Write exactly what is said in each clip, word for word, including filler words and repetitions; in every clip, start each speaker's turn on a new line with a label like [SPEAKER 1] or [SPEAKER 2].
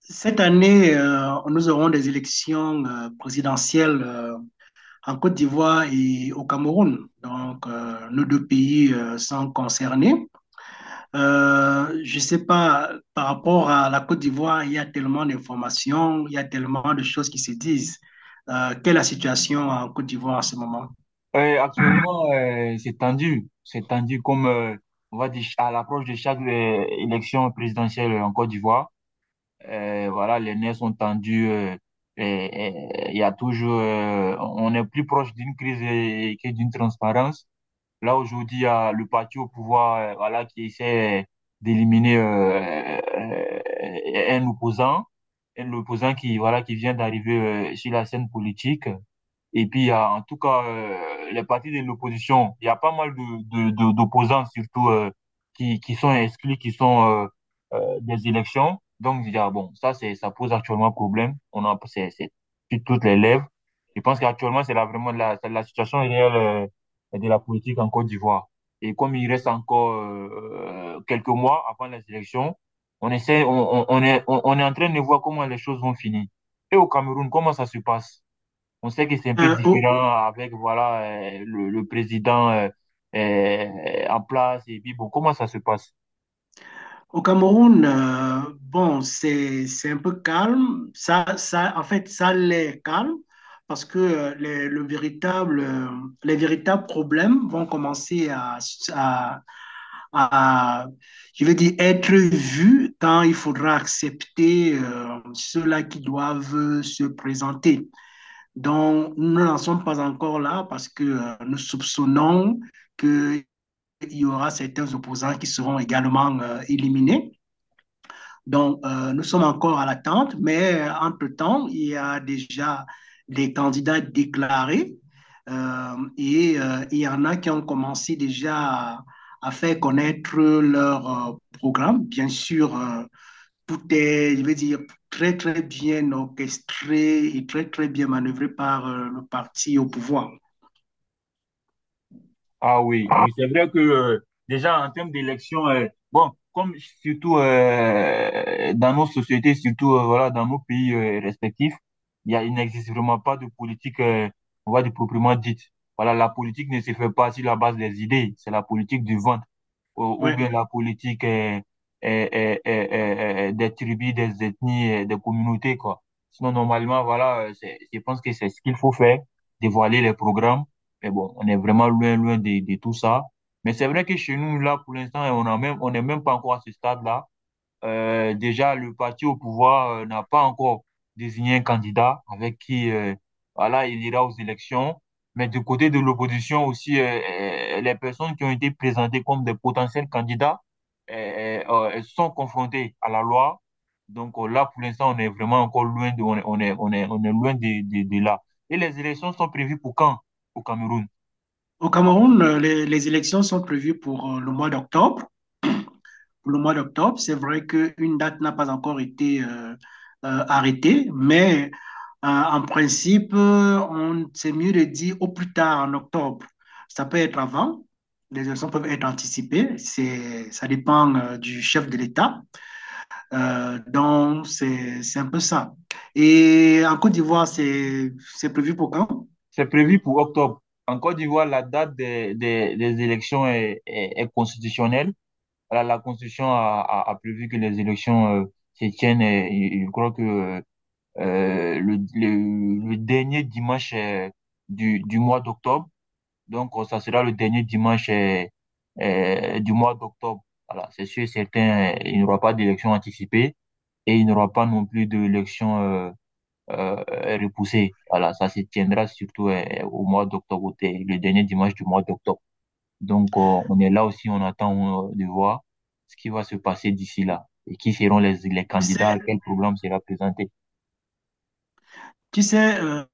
[SPEAKER 1] Cette année, euh, nous aurons des élections euh, présidentielles euh, en Côte d'Ivoire et au Cameroun. Donc, euh, nos deux pays euh, sont concernés. Euh, je ne sais pas, par rapport à la Côte d'Ivoire, il y a tellement d'informations, il y a tellement de choses qui se disent. Euh, quelle est la situation en Côte d'Ivoire en ce moment?
[SPEAKER 2] Euh, actuellement, euh, c'est tendu. C'est tendu comme, euh, on va dire, à l'approche de chaque euh, élection présidentielle en Côte d'Ivoire. Euh, voilà, les nerfs sont tendus. euh, et, et il y a toujours, euh, on est plus proche d'une crise euh, que d'une transparence. Là, aujourd'hui, il y a le parti au pouvoir, euh, voilà, qui essaie d'éliminer euh, euh, un opposant, un opposant qui, voilà, qui vient d'arriver euh, sur la scène politique. Et puis, il y a, en tout cas, euh, les partis de l'opposition, il y a pas mal de, de, de- d'opposants, surtout, euh, qui, qui sont exclus, qui sont euh, euh, des élections. Donc, il y a, bon, ça, c'est, ça pose actuellement problème. On a, c'est, c'est sur toutes les lèvres. Je pense qu'actuellement, c'est là vraiment la, c'est la situation réelle euh, de la politique en Côte d'Ivoire. Et comme il reste encore euh, quelques mois avant les élections, on essaie, on, on, on est, on, on est en train de voir comment les choses vont finir. Et au Cameroun, comment ça se passe? On sait que c'est un peu
[SPEAKER 1] Euh, au,
[SPEAKER 2] différent avec voilà euh, le, le président euh, euh, en place et puis bon, comment ça se passe?
[SPEAKER 1] Au Cameroun, euh, bon, c'est, c'est un peu calme. Ça, ça, en fait, ça l'est calme parce que euh, les, le véritable, euh, les véritables problèmes vont commencer à, à, à, je vais dire, être vus quand il faudra accepter euh, ceux-là qui doivent se présenter. Donc, nous n'en sommes pas encore là parce que euh, nous soupçonnons qu'il y aura certains opposants qui seront également euh, éliminés. Donc, euh, nous sommes encore à l'attente, mais euh, entre-temps, il y a déjà des candidats déclarés euh, et euh, il y en a qui ont commencé déjà à, à faire connaître leur euh, programme. Bien sûr, euh, tout est, je veux dire, très, très bien orchestré et très, très bien manœuvré par euh, le parti au pouvoir.
[SPEAKER 2] Ah oui, oui, c'est vrai que euh, déjà en termes d'élection, euh, bon, comme surtout, euh, dans nos sociétés, surtout, euh, voilà, dans nos pays euh, respectifs, il y a il n'existe vraiment pas de politique, euh, on va dire, proprement dite. Voilà, la politique ne se fait pas sur la base des idées. C'est la politique du vent. Ou ou
[SPEAKER 1] Ouais.
[SPEAKER 2] bien la politique est est est est euh, euh, des tribus, des ethnies, euh, des communautés, quoi. Sinon, normalement, voilà, euh, c'est- je pense que c'est ce qu'il faut faire, dévoiler les programmes. Mais bon, on est vraiment loin, loin de, de tout ça. Mais c'est vrai que chez nous, là, pour l'instant, on a même, on n'est même pas encore à ce stade-là. Euh, déjà, le parti au pouvoir euh, n'a pas encore désigné un candidat avec qui, euh, voilà, il ira aux élections. Mais du côté de l'opposition aussi, euh, euh, les personnes qui ont été présentées comme des potentiels candidats euh, euh, euh, sont confrontées à la loi. Donc, euh, là, pour l'instant, on est vraiment encore loin de, on est, on est, on est, on est loin de, de, de là. Et les élections sont prévues pour quand? Au Cameroun.
[SPEAKER 1] Au Cameroun, euh, les, les élections sont prévues pour euh, le mois d'octobre, pour le mois d'octobre. C'est vrai qu'une date n'a pas encore été euh, euh, arrêtée, mais euh, en principe, on, c'est mieux de dire au plus tard en octobre. Ça peut être avant, les élections peuvent être anticipées, c'est, ça dépend euh, du chef de l'État. Euh, donc, c'est, c'est un peu ça. Et en Côte d'Ivoire, c'est, c'est prévu pour quand?
[SPEAKER 2] C'est prévu pour octobre. En Côte d'Ivoire, la date des, des, des élections est, est, est constitutionnelle. la, la Constitution a, a, a prévu que les élections, euh, se tiennent, et, et je crois que, euh, le, le, le dernier dimanche, euh, du, du mois d'octobre. Donc, euh, ça sera le dernier dimanche, euh, euh, du mois d'octobre. Voilà, c'est sûr et certain, euh, il n'y aura pas d'élection anticipée et il n'y aura pas non plus d'élection euh, euh, repoussée. Voilà, ça se tiendra surtout euh, au mois d'octobre, au- le dernier dimanche du mois d'octobre. Donc, euh, on est là aussi, on attend euh, de voir ce qui va se passer d'ici là et qui seront les, les
[SPEAKER 1] Tu
[SPEAKER 2] candidats, à
[SPEAKER 1] sais,
[SPEAKER 2] quel programme sera présenté.
[SPEAKER 1] tu sais euh,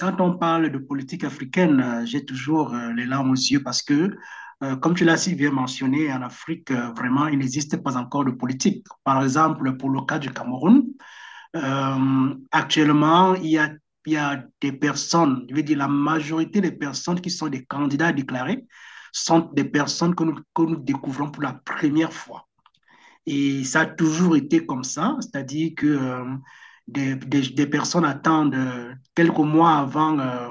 [SPEAKER 1] quand on parle de politique africaine, euh, j'ai toujours euh, les larmes aux yeux parce que, euh, comme tu l'as si bien mentionné, en Afrique, euh, vraiment, il n'existe pas encore de politique. Par exemple, pour le cas du Cameroun, euh, actuellement, il y a, il y a des personnes, je veux dire, la majorité des personnes qui sont des candidats déclarés sont des personnes que nous, que nous découvrons pour la première fois. Et ça a toujours été comme ça, c'est-à-dire que euh, des, des- des personnes attendent euh, quelques mois avant euh,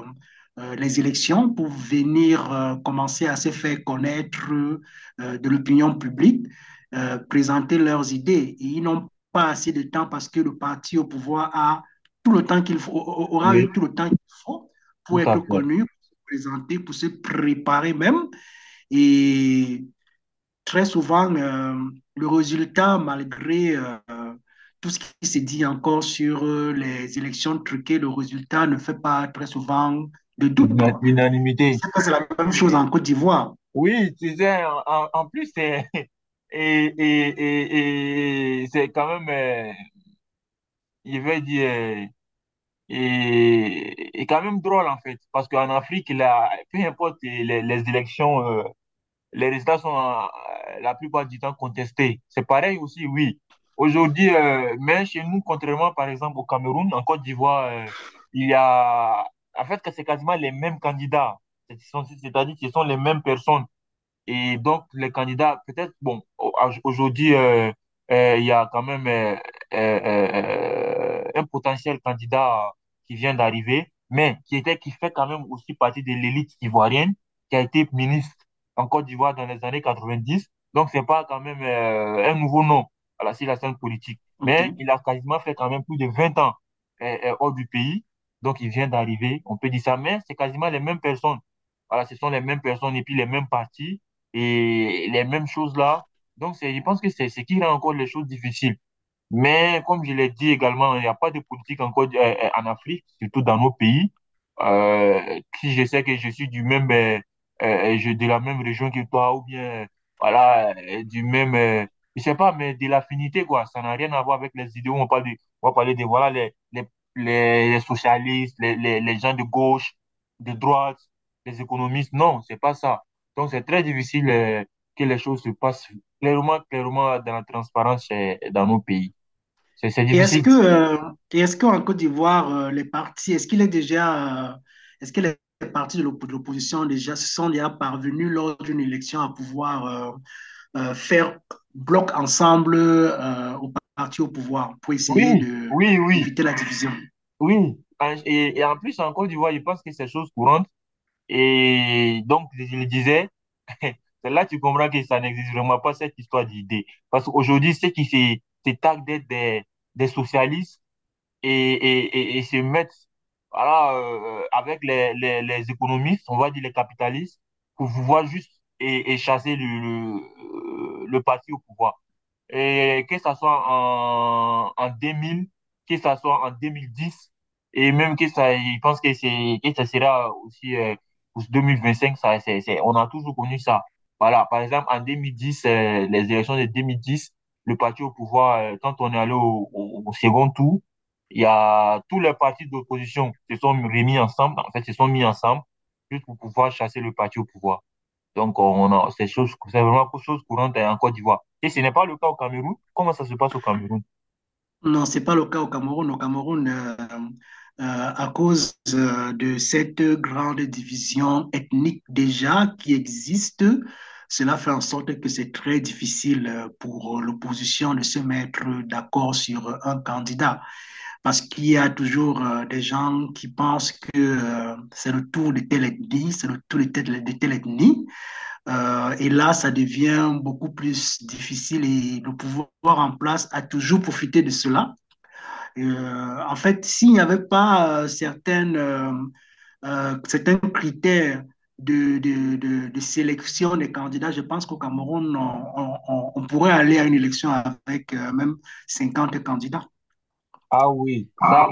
[SPEAKER 1] euh, les élections pour venir euh, commencer à se faire connaître euh, de l'opinion publique, euh, présenter leurs idées. Et ils n'ont pas assez de temps parce que le parti au pouvoir a tout le temps qu'il faut, aura
[SPEAKER 2] Oui,
[SPEAKER 1] eu tout le temps qu'il faut
[SPEAKER 2] tout
[SPEAKER 1] pour être
[SPEAKER 2] à fait.
[SPEAKER 1] connu, pour se présenter, pour se préparer même. Et très souvent, euh, le résultat, malgré euh, tout ce qui s'est dit encore sur euh, les élections truquées, le résultat ne fait pas très souvent de doute,
[SPEAKER 2] L'una-
[SPEAKER 1] quoi. Je
[SPEAKER 2] L'unanimité.
[SPEAKER 1] sais que c'est la même chose en Côte d'Ivoire.
[SPEAKER 2] Oui, tu sais, en, en- en plus, c'est, et, et, et, et c'est quand même, euh, je vais dire, euh, et, et quand même drôle en fait, parce qu'en Afrique, là, peu importe les, les élections, euh, les résultats sont, euh, la plupart du temps, contestés. C'est pareil aussi, oui. Aujourd'hui, euh, mais chez nous, contrairement par exemple au Cameroun, en Côte d'Ivoire, euh, il y a, en fait, que c'est quasiment les mêmes candidats. C'est- C'est-à-dire que ce sont les mêmes personnes. Et donc, les candidats, peut-être, bon, au- à- aujourd'hui, euh, euh, il y a quand même, euh, euh, euh, euh, un potentiel candidat qui vient d'arriver, mais qui était, qui fait quand même aussi partie de l'élite ivoirienne, qui a été ministre en Côte d'Ivoire dans les années quatre-vingt-dix. Donc, c'est pas quand même, euh, un nouveau nom, à la, sur la scène politique. Mais
[SPEAKER 1] OK.
[SPEAKER 2] il a quasiment fait quand même plus de vingt ans, euh, euh, hors du pays. Donc, il vient d'arriver, on peut dire ça, mais c'est quasiment les mêmes personnes. Voilà, ce sont les mêmes personnes et puis les mêmes partis et les mêmes choses là. Donc, c'est, je pense que c'est ce qui rend encore les choses difficiles. Mais comme je l'ai dit également, il n'y a pas de politique encore, euh, euh, en Afrique, surtout dans nos pays. Euh, si je sais que je suis du même, euh, euh, je, de la même région que toi, ou bien, euh, voilà, euh, du même, euh, je sais pas, mais de l'affinité, quoi. Ça n'a rien à voir avec les idéaux. On parle de, on va parler de, voilà, les, les, les, les socialistes, les, les, les gens de gauche, de droite, les économistes. Non, c'est pas ça. Donc, c'est très difficile, euh, que les choses se passent clairement, clairement, dans la transparence, euh, dans nos pays. C'est c'est
[SPEAKER 1] Et est-ce
[SPEAKER 2] difficile.
[SPEAKER 1] que, euh, et est-ce qu'en Côte d'Ivoire, euh, les partis, est-ce qu'il est déjà, euh, est-ce que les partis de l'op- de l'opposition déjà se sont déjà parvenus lors d'une élection à pouvoir euh, euh, faire bloc ensemble euh, aux partis au pouvoir pour
[SPEAKER 2] Oui,
[SPEAKER 1] essayer de
[SPEAKER 2] oui, oui,
[SPEAKER 1] d'éviter la division?
[SPEAKER 2] oui. En- Et, et en plus, en Côte d'Ivoire, je pense que c'est chose courante. Et donc, je le disais, c'est là que tu comprends que ça n'existe vraiment pas, cette histoire d'idée. Parce qu'aujourd'hui, ceux qui se, se targuent d'être des, des socialistes, et, et, et, et se mettent, voilà, euh, euh, avec les, les, les économistes, on va dire les capitalistes, pour pouvoir juste, et, et chasser le, le, euh, le parti au pouvoir. Et que ça soit en, en deux mille, que ça soit en deux mille dix, et même que ça, je pense que c'est, que ça sera aussi, euh, pour deux mille vingt-cinq, ça, c'est, c'est, on a toujours connu ça. Voilà, par exemple, en deux mille dix, euh, les élections de deux mille dix, le parti au pouvoir, euh, quand on est allé au, au- au second tour, il y a tous les partis d'opposition se sont remis ensemble, en fait, se sont mis ensemble, juste pour pouvoir chasser le parti au pouvoir. Donc, on a, c'est chose, c'est vraiment chose courante, hein, en Côte d'Ivoire. Et ce n'est pas le cas au Cameroun. Comment ça se passe au Cameroun?
[SPEAKER 1] Non, c'est pas le cas au Cameroun. Au Cameroun, euh, euh, à cause euh, de cette grande division ethnique déjà qui existe, cela fait en sorte que c'est très difficile euh, pour l'opposition de se mettre d'accord sur un candidat parce qu'il y a toujours euh, des gens qui pensent que euh, c'est le tour de telle ethnie, c'est le tour de telle, de telle ethnie. Euh, et là, ça devient beaucoup plus difficile et le pouvoir en place a toujours profité de cela euh, en fait, s'il n'y avait pas euh, certaines, euh, euh, certains critères de, de, de- de sélection des candidats, je pense qu'au Cameroun, on, on- on- on pourrait aller à une élection avec euh, même cinquante candidats.
[SPEAKER 2] Ah oui, ça.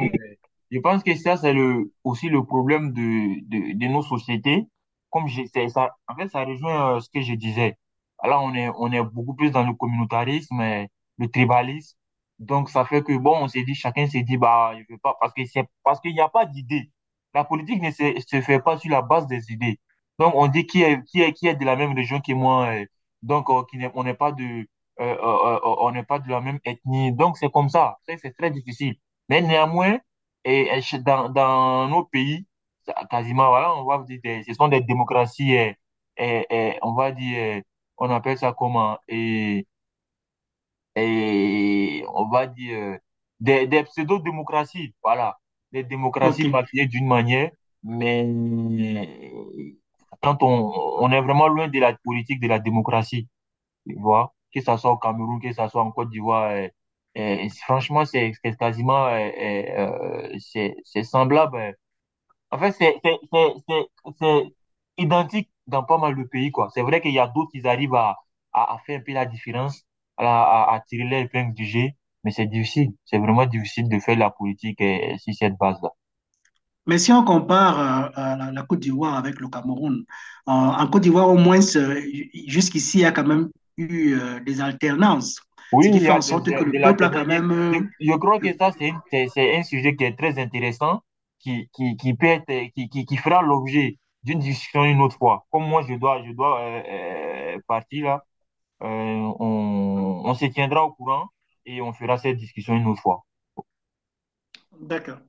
[SPEAKER 2] Je pense que ça, c'est le, aussi le problème de, de, de nos sociétés. Comme je, c'est ça, en fait, ça rejoint, euh, ce que je disais. Là, on est, on est beaucoup plus dans le communautarisme et le tribalisme. Donc, ça fait que, bon, on s'est dit, chacun s'est dit, bah, je veux pas, parce que c'est, parce qu'il n'y a pas d'idée. La politique ne se, se fait pas sur la base des idées. Donc, on dit qui est, qui est, qui est de la même région que moi. Euh, donc, euh, qui n'est, on n'est pas de, euh, euh, euh, on n'est pas de la même ethnie. Donc, c'est comme ça. C'est c'est très difficile. Mais néanmoins, et euh, chez- dans, dans nos pays, ça- quasiment, voilà, on va dire, des- ce sont des démocraties, euh, euh, euh, on va dire, euh, on appelle ça comment? Et, et on va dire, euh, des, des pseudo-démocraties, voilà. Des démocraties
[SPEAKER 1] OK.
[SPEAKER 2] maquillées d'une manière, mais quand on, on est vraiment loin de la politique de la démocratie, tu vois, que ça soit au Cameroun, que ça soit en Côte d'Ivoire, euh, euh, franchement, c'est c'est quasiment, euh, euh, euh, c'est c'est semblable. Euh, en fait, c'est c'est- c'est- c'est- c'est identique dans pas mal de pays, quoi. C'est vrai qu'il y a d'autres qui arrivent à, à, à faire un peu la différence, à, la- à, à tirer les épingles du jeu, mais c'est difficile. C'est vraiment difficile de faire la politique, euh, sur cette base-là.
[SPEAKER 1] Mais si on compare euh, euh, la, la Côte d'Ivoire avec le Cameroun, euh, en Côte d'Ivoire, au moins, euh, jusqu'ici, il y a quand même eu euh, des alternances,
[SPEAKER 2] Oui,
[SPEAKER 1] ce
[SPEAKER 2] il
[SPEAKER 1] qui
[SPEAKER 2] y
[SPEAKER 1] fait
[SPEAKER 2] a
[SPEAKER 1] en
[SPEAKER 2] des,
[SPEAKER 1] sorte que
[SPEAKER 2] de
[SPEAKER 1] le peuple a
[SPEAKER 2] l'alternance.
[SPEAKER 1] quand
[SPEAKER 2] Il y a-
[SPEAKER 1] même...
[SPEAKER 2] Je,
[SPEAKER 1] euh,
[SPEAKER 2] je crois que
[SPEAKER 1] le-
[SPEAKER 2] ça, c'est une- c'est c'est un sujet qui est très intéressant, qui, qui, qui peut être, euh, qui, qui, qui fera l'objet d'une discussion une autre fois. Comme moi, je dois, je dois euh, euh, partir là. Euh, on, on se tiendra au courant et on fera cette discussion une autre fois.
[SPEAKER 1] D'accord.